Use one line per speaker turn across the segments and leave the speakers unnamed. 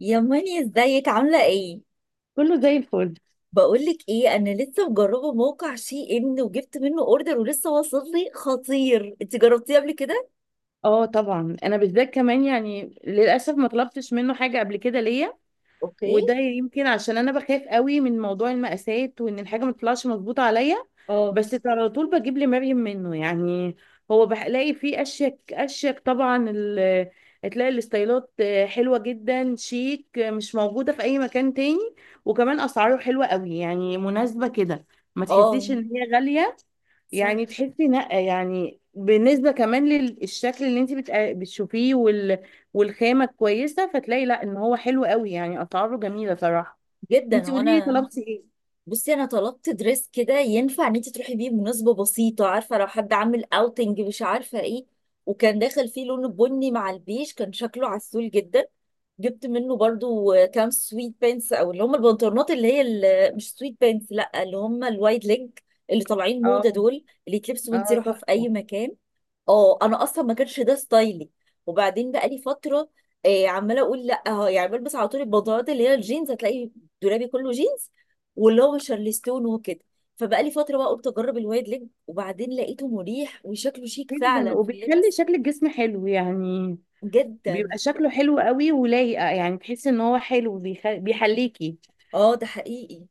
يا ماني ازيك عاملة ايه؟
كله زي الفل.
بقولك ايه انا لسه مجربة موقع شي ان وجبت منه اوردر ولسه واصل لي خطير انت جربتيه قبل كده؟
اه طبعا، انا بالذات كمان يعني للاسف ما طلبتش منه حاجه قبل كده ليا.
اوكي.
وده يمكن عشان انا بخاف قوي من موضوع المقاسات وان الحاجه ما تطلعش مظبوطه عليا.
اه.
بس على طول بجيب لمريم منه يعني. هو بلاقي فيه اشيك طبعا تلاقي الاستايلات حلوه جدا، شيك، مش موجوده في اي مكان تاني. وكمان اسعاره حلوه قوي يعني مناسبه كده، ما
اه،
تحسيش ان هي غاليه.
صح.
يعني تحسي لا، يعني بالنسبة كمان للشكل اللي انت بتشوفيه والخامة كويسة، فتلاقي لا ان هو حلو قوي، يعني اسعاره جميلة صراحة.
جدا.
انت
هو
قولي لي
انا
طلبتي ايه؟
بصي انا طلبت دريس كده ينفع ان انت تروحي بيه مناسبه بسيطه، عارفه لو حد عامل اوتنج مش عارفه ايه. وكان داخل فيه لون بني مع البيج، كان شكله عسول جدا. جبت منه برضو كام سويت بانس، او اللي هم البنطلونات اللي هي مش سويت بانس، لا اللي هم الوايد ليج اللي طالعين موضه
اه.
دول، اللي يتلبسوا وانت
اه
رايحه في اي
تحفة.
مكان. اه انا اصلا ما كانش ده ستايلي، وبعدين بقى لي فتره عماله اقول لا يعني بلبس على طول البنطلونات اللي هي الجينز. هتلاقي دولابي كله جينز، واللي هو شارلستون وكده. فبقى لي فتره بقى، قلت اجرب الوايد ليج وبعدين لقيته مريح وشكله شيك
جدا،
فعلا في
وبيخلي
اللبس.
شكل الجسم حلو يعني. بيبقى
جدا.
شكله حلو قوي ولايقة، يعني تحسي ان هو حلو بيحليكي.
اه ده حقيقي.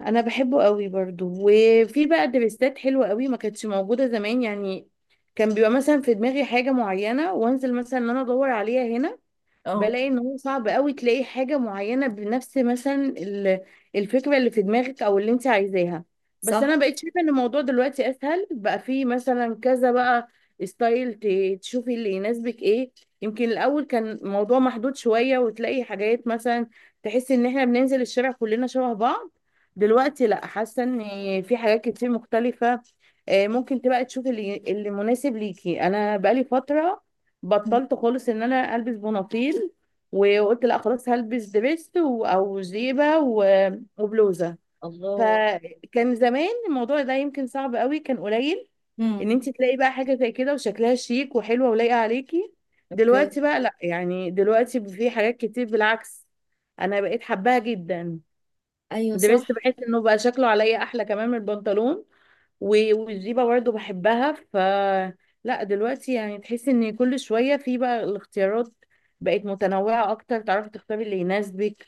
انا بحبه قوي برضو، وفي بقى دريسات حلوة قوي ما كانتش موجودة زمان يعني. كان بيبقى مثلا في دماغي حاجة معينة وانزل مثلا ان انا ادور عليها هنا،
اه
بلاقي ان هو صعب قوي تلاقي حاجة معينة بنفس مثلا الفكرة اللي في دماغك او اللي انت عايزاها. بس
صح.
انا بقيت شايفة ان الموضوع دلوقتي اسهل، بقى فيه مثلا كذا بقى ستايل، تشوفي اللي يناسبك ايه. يمكن الاول كان الموضوع محدود شوية، وتلاقي حاجات مثلا تحس ان احنا بننزل الشارع كلنا شبه بعض. دلوقتي لا، حاسة ان في حاجات كتير مختلفة، آه، ممكن تبقى تشوفي اللي مناسب ليكي. انا بقالي فترة
مم.
بطلت خالص ان انا البس بناطيل، وقلت لا خلاص هلبس دبس او جيبه وبلوزه.
الله.
فكان زمان الموضوع ده يمكن صعب قوي، كان قليل ان
امم
انت تلاقي بقى حاجه زي كده وشكلها شيك وحلوه ولايقه عليكي.
اوكي.
دلوقتي بقى لا، يعني دلوقتي في حاجات كتير بالعكس، انا بقيت حباها جدا.
ايوه
درست
صح.
بحس انه بقى شكله عليا احلى كمان من البنطلون، والجيبه برضه بحبها، ف لا دلوقتي يعني تحسي ان كل شويه في بقى الاختيارات، بقت متنوعه اكتر، تعرفي تختاري اللي يناسبك.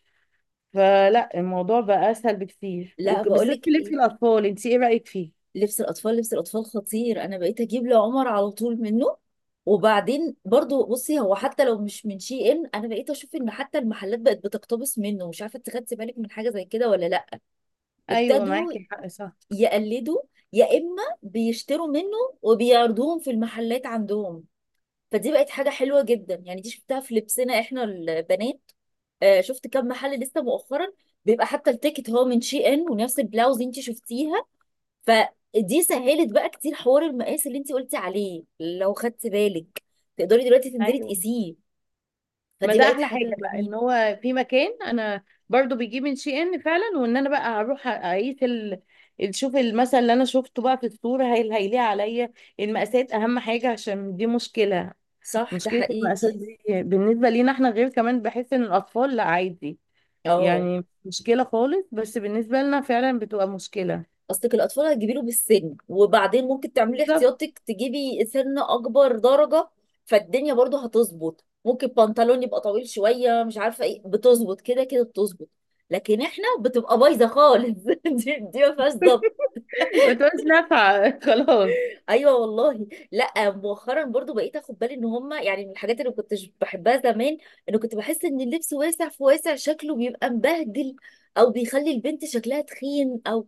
فلا الموضوع بقى اسهل بكتير،
لا بقول
وبالذات
لك
في لبس
إيه،
الاطفال. انت ايه رايك فيه؟
لبس الاطفال لبس الاطفال خطير، انا بقيت اجيب لعمر على طول منه. وبعدين برضو بصي هو حتى لو مش من شي ان، انا بقيت اشوف ان حتى المحلات بقت بتقتبس منه. مش عارفه انت خدتي بالك من حاجه زي كده ولا لا.
ايوه
ابتدوا
معاكي حق، صح.
يقلدوا، يا اما بيشتروا منه وبيعرضوهم في المحلات عندهم. فدي بقت حاجه حلوه جدا، يعني دي شفتها في لبسنا احنا البنات. آه، شفت كم محل لسه مؤخرا بيبقى حتى التيكت هو من شي ان، ونفس البلاوز انت شفتيها. فدي سهلت بقى كتير حوار المقاس اللي انت قلتي عليه، لو خدت بالك تقدري دلوقتي تنزلي
ايوه،
تقيسيه.
ما
فدي
ده
بقت
احلى حاجه
حاجة
بقى،
جميلة.
ان هو في مكان انا برضو بيجيب من شي ان فعلا، وان انا بقى هروح اقيس شوف المثل اللي انا شفته بقى في الصوره، هل هيليق عليا؟ المقاسات اهم حاجه، عشان دي مشكله.
صح ده
مشكله
حقيقي.
المقاسات دي بالنسبه لينا احنا، غير كمان بحس ان الاطفال لا عادي.
اه
يعني مشكله خالص بس بالنسبه لنا، فعلا بتبقى مشكله.
اصلك الاطفال هتجيبي له بالسن، وبعدين ممكن تعملي
بالظبط.
احتياطك تجيبي سن اكبر درجة. فالدنيا برضو هتظبط، ممكن بنطلون يبقى طويل شوية مش عارفة ايه، بتظبط كده كده بتظبط. لكن احنا بتبقى بايظة خالص. دي ما فيهاش ظبط.
بتبقى مش نافعه خلاص.
ايوه والله. لا مؤخرا برضو بقيت اخد بالي ان هما يعني من الحاجات اللي ما كنتش بحبها زمان، انه كنت بحس ان اللبس واسع في واسع شكله بيبقى مبهدل، او بيخلي البنت شكلها تخين. او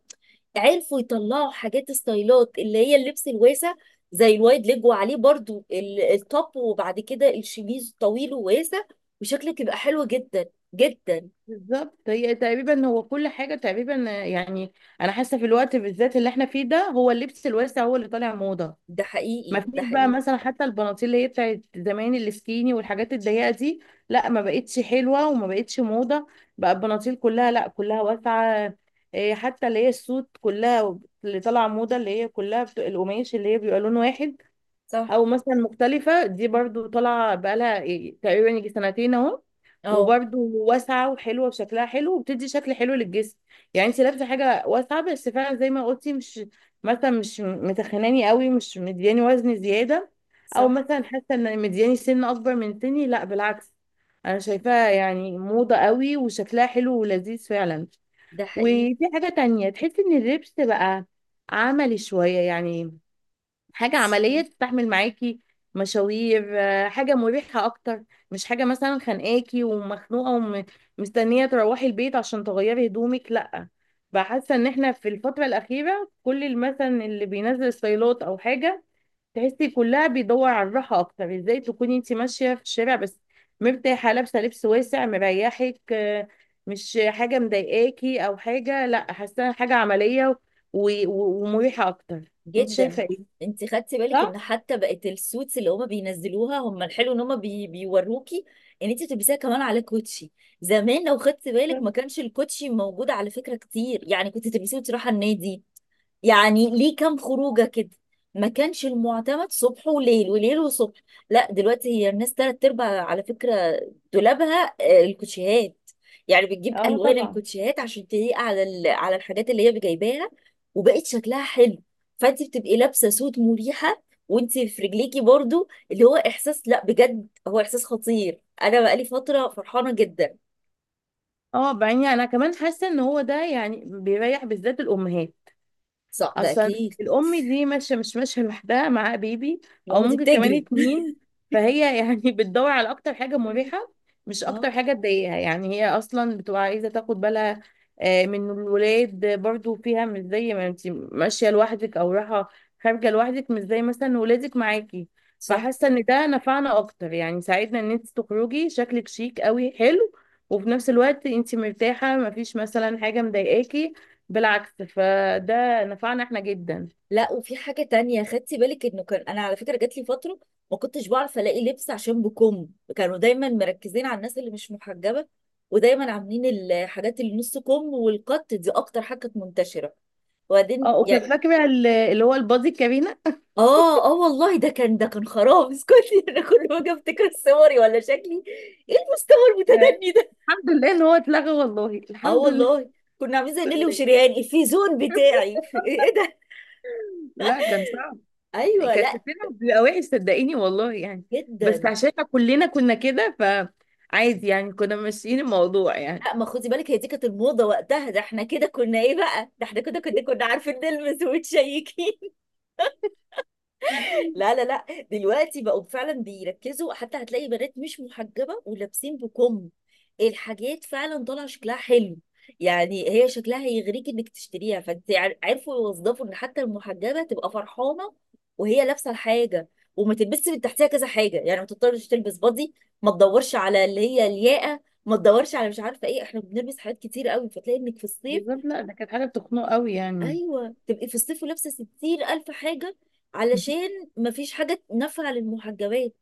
عرفوا يطلعوا حاجات ستايلات اللي هي اللبس الواسع زي الوايد ليج، وعليه برضو التوب، وبعد كده الشميز طويل وواسع، وشكلك يبقى حلو جدا. جدا.
بالظبط، هي تقريبا هو كل حاجة تقريبا يعني. أنا حاسة في الوقت بالذات اللي احنا فيه ده، هو اللبس الواسع هو اللي طالع موضة.
ده
ما
حقيقي
فيش
ده
بقى
حقيقي.
مثلا حتى البناطيل اللي هي بتاعت زمان، السكيني والحاجات الضيقة دي، لا ما بقتش حلوة وما بقتش موضة. بقى البناطيل كلها، لا كلها واسعة. إيه، حتى اللي هي السوت كلها اللي طالعة موضة، اللي هي كلها القماش اللي هي بيبقى لون واحد
صح.
او مثلا مختلفة، دي برضو طالعة بقالها إيه تقريبا، يجي سنتين اهو.
اه
وبرضو واسعة وحلوة وشكلها حلو، وبتدي شكل حلو للجسم. يعني انت لابسة حاجة واسعة بس فعلا زي ما قلتي، مش مثلا مش متخناني قوي، مش مدياني وزن زيادة، او
صح.
مثلا حاسة ان مدياني سن اكبر من سني. لا بالعكس، انا شايفاها يعني موضة قوي وشكلها حلو ولذيذ فعلا.
ده حقيقي.
وفي حاجة تانية، تحس ان اللبس بقى عملي شوية يعني، حاجة عملية تستحمل معاكي مشاوير، آه، حاجة مريحة أكتر. مش حاجة مثلا خانقاكي ومخنوقة، ومستنية تروحي البيت عشان تغيري هدومك، لأ. فحاسة إن إحنا في الفترة الأخيرة كل مثلا اللي بينزل ستايلات أو حاجة، تحسي كلها بيدور على الراحة أكتر. إزاي تكوني أنت ماشية في الشارع بس مرتاحة، لابسة لبس واسع مريحك، آه، مش حاجة مضايقاكي أو حاجة، لأ. حاسة حاجة عملية ومريحة أكتر. أنت
جدا.
شايفة إيه؟
انت خدتي بالك
صح؟
ان حتى بقت السوتس اللي هما بينزلوها هم الحلو ان هما بيوروكي ان انت بتلبسيها كمان على كوتشي. زمان لو خدتي بالك ما كانش الكوتشي موجود على فكره كتير، يعني كنت تلبسيه وتروحي النادي، يعني ليه كام خروجه كده. ما كانش المعتمد صبح وليل وليل وصبح. لا دلوقتي هي الناس تلات ارباع على فكره دولابها آه، الكوتشيهات. يعني بتجيب
اه
الوان
طبعا.
الكوتشيهات عشان تليق على على الحاجات اللي هي جايباها. وبقت شكلها حلو. فانت بتبقي لابسه سوت مريحه وانت في رجليكي برضو، اللي هو احساس، لا بجد هو احساس خطير. انا بقالي فتره فرحانه جدا.
اه بعدين انا كمان حاسه ان هو ده يعني بيريح بالذات الامهات.
صح ده
اصلا
اكيد.
الام دي ماشيه، مش ماشيه لوحدها، معاها بيبي
لو
او
ما دي
ممكن كمان
بتجري.
اتنين، فهي يعني بتدور على اكتر حاجه مريحه، مش اكتر
اه
حاجه تضايقها، يعني هي اصلا بتبقى عايزه تاخد بالها، آه، من الولاد برضو فيها. مش زي ما انت ماشيه لوحدك او رايحه خارجه لوحدك، مش زي مثلا ولادك معاكي.
صح.
فحاسه ان ده نفعنا اكتر يعني، ساعدنا ان انت تخرجي شكلك شيك قوي حلو، وفي نفس الوقت انت مرتاحه، مفيش مثلا حاجه مضايقاكي بالعكس. فده نفعنا احنا جدا.
لا وفي حاجة تانية خدتي بالك، انه كان انا على فكرة جات لي فترة ما كنتش بعرف الاقي لبس عشان بكم. كانوا دايما مركزين على الناس اللي مش محجبة، ودايما عاملين الحاجات اللي نص كم والقط، دي اكتر حاجة كانت منتشرة. وبعدين
اه، وكنت
يعني
فاكره اللي هو البادي كارينا،
اه اه والله ده كان، ده كان خراب اسكتي. انا كل ما اجي افتكر صوري ولا شكلي، ايه المستوى
آه،
المتدني ده.
الحمد لله ان هو اتلغى والله،
اه
الحمد لله.
والله كنا عاملين زي
الحمد
نيلي
لله،
وشريان الفيزون بتاعي. ايه ده.
لا كان صعب.
ايوه.
كان
لا.
شكلنا بيبقى وحش صدقيني والله يعني. بس
جدا.
عشان إحنا كلنا كنا كده، فعادي يعني، كنا ماشيين الموضوع يعني.
لا ما خدي بالك هي دي كانت الموضة وقتها. ده احنا كده كنا ايه بقى، ده احنا كده كنا عارفين نلمس وتشيكين. لا لا لا. دلوقتي بقوا فعلا بيركزوا، حتى هتلاقي بنات مش محجبة ولابسين بكم. الحاجات فعلا طالعة شكلها حلو، يعني هي شكلها هيغريك انك تشتريها. فانت عرفوا يوظفوا ان حتى المحجبة تبقى فرحانة وهي لابسة الحاجة، وما تلبسش من تحتها كذا حاجة، يعني ما تضطرش تلبس بادي، ما تدورش على اللي هي الياقة، ما تدورش على مش عارفة ايه. احنا بنلبس حاجات كتير قوي، فتلاقي انك في الصيف.
بالظبط، لا ده كانت حاجه بتخنق قوي يعني.
ايوه تبقي في الصيف لابسه 60 الف حاجه، علشان مفيش حاجه نافعه للمحجبات.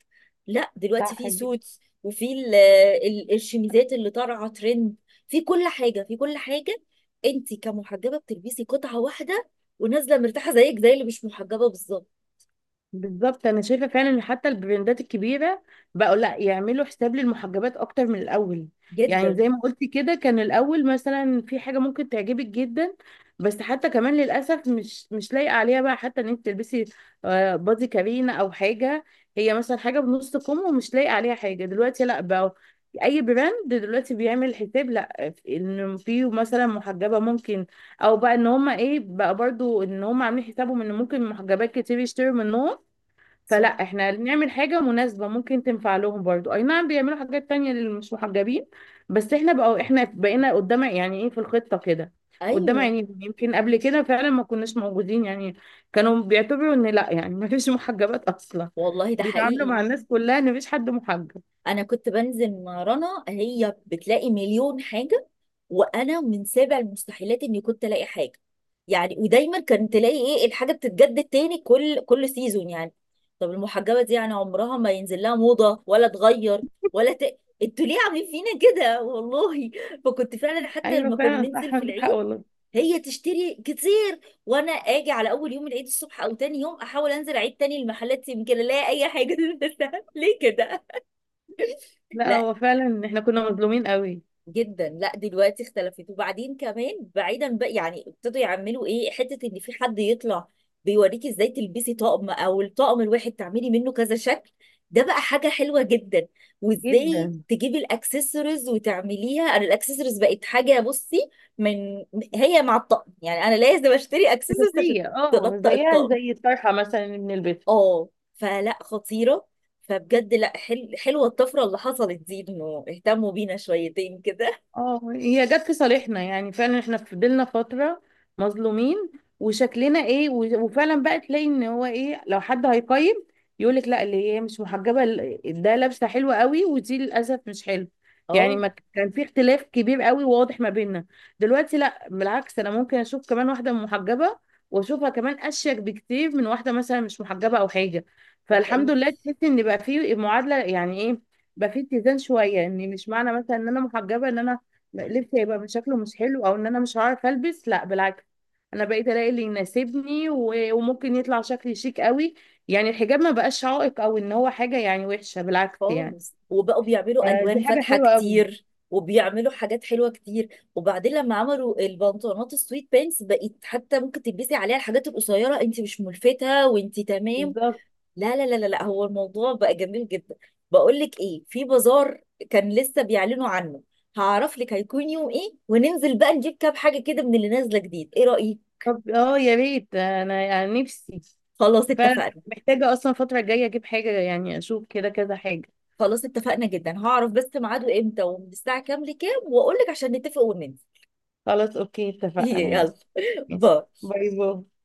لا
صح.
دلوقتي في سوتس، وفي الشميزات اللي طالعه ترند، في كل حاجه في كل حاجه. انت كمحجبه بتلبسي قطعه واحده ونازله مرتاحه زيك زي اللي مش محجبه بالظبط.
بالظبط، انا شايفه فعلا ان حتى البراندات الكبيره بقوا لا، يعملوا حساب للمحجبات اكتر من الاول. يعني
جدا.
زي ما قلتي كده، كان الاول مثلا في حاجه ممكن تعجبك جدا، بس حتى كمان للاسف مش مش لايقه عليها، بقى حتى ان انت تلبسي، آه، بادي كارينا او حاجه. هي مثلا حاجه بنص كم، ومش لايقه عليها حاجه. دلوقتي لا، بقى اي براند دلوقتي بيعمل حساب لا، ان في مثلا محجبه ممكن، او بقى ان هما ايه بقى برضو، ان هما عاملين حسابهم ان ممكن محجبات كتير يشتروا منهم، فلا
صح.
احنا نعمل حاجة مناسبة ممكن تنفع لهم برضو. اي نعم بيعملوا حاجات تانية للي مش محجبين، بس احنا بقى، احنا بقينا قدام يعني، ايه في الخطة كده، قدام.
ايوه
يعني يمكن قبل كده فعلا ما كناش موجودين يعني، كانوا بيعتبروا ان لا يعني ما فيش محجبات اصلا،
والله. ده
بيتعاملوا مع
حقيقي.
الناس كلها ان مفيش حد محجب.
انا كنت بنزل مع رنا، هي بتلاقي مليون حاجه، وانا من سابع المستحيلات اني كنت الاقي حاجه. يعني ودايما كان تلاقي ايه، الحاجه بتتجدد تاني كل سيزون، يعني طب المحجبه دي يعني عمرها ما ينزل لها موضه ولا تغير ولا انتوا ليه عاملين فينا كده والله. فكنت فعلا حتى
ايوه
لما كنا
فعلا،
ننزل
صح
في
عندك حق
العيد،
والله.
هي تشتري كتير، وانا اجي على اول يوم العيد الصبح او تاني يوم احاول انزل اعيد تاني المحلات يمكن الاقي اي حاجه. ليه كده.
لا
لا.
هو فعلا احنا كنا مظلومين قوي.
جدا. لا دلوقتي اختلفت، وبعدين كمان بعيدا بقى يعني ابتدوا يعملوا ايه حته، ان في حد يطلع بيوريكي ازاي تلبسي طقم، او الطقم الواحد تعملي منه كذا شكل. ده بقى حاجه حلوه جدا. وازاي
جدا.
تجيبي الاكسسوارز وتعمليها، انا الاكسسوارز بقت حاجه بصي من، هي مع الطقم يعني انا لازم اشتري اكسسوارز عشان
اساسية، اه
تنطق
زيها
الطقم.
زي الطرحة مثلا من البيت.
اه. فلا خطيره. فبجد لا حلوه الطفره اللي حصلت دي، انه اهتموا بينا شويتين كده.
اه هي جت في صالحنا يعني، فعلا احنا فضلنا فترة مظلومين، وشكلنا ايه وفعلا بقى تلاقي ان هو ايه، لو حد هيقيم يقولك لا، اللي هي مش محجبة ده لابسة حلوة قوي، ودي للأسف مش حلو. يعني
اه
ما كان في اختلاف كبير قوي واضح ما بيننا. دلوقتي لا بالعكس، انا ممكن اشوف كمان واحدة محجبة واشوفها كمان اشيك بكتير من واحدة مثلا مش محجبة او حاجة.
ده
فالحمد
حقيقي.
لله، تحس ان بقى في معادلة يعني ايه، بقى في اتزان شوية، ان مش معنى مثلا ان انا محجبة، ان انا لبسي هيبقى من شكله مش حلو، او ان انا مش هعرف البس. لا بالعكس، انا بقيت الاقي اللي يناسبني وممكن يطلع شكلي شيك قوي. يعني الحجاب ما بقاش عائق، او ان هو حاجه يعني وحشه، بالعكس يعني.
خالص. وبقوا بيعملوا
آه، دي
الوان
حاجه
فاتحه
حلوه قوي.
كتير، وبيعملوا حاجات حلوه كتير. وبعدين لما عملوا البنطلونات السويت بانس، بقت حتى ممكن تلبسي عليها الحاجات القصيره، انت مش ملفته وانت تمام.
بالظبط.
لا لا لا لا لا، هو الموضوع بقى جميل جدا. بقول لك ايه، في بازار كان لسه بيعلنوا عنه، هعرف لك هيكون يوم ايه وننزل بقى نجيب كام حاجه كده من اللي نازله جديد، ايه رايك؟
طب اه يا ريت، انا يعني نفسي
خلاص
فعلا،
اتفقنا.
محتاجه اصلا الفتره الجايه اجيب حاجه، يعني اشوف كده كذا حاجه.
خلاص اتفقنا، جدا. هعرف بس ميعاده امتى ومن الساعه كام لكام واقول لك، عشان نتفق وننزل.
خلاص اوكي، اتفقنا
هي يلا.
ماشي. ماشي.
باي.
باي باي.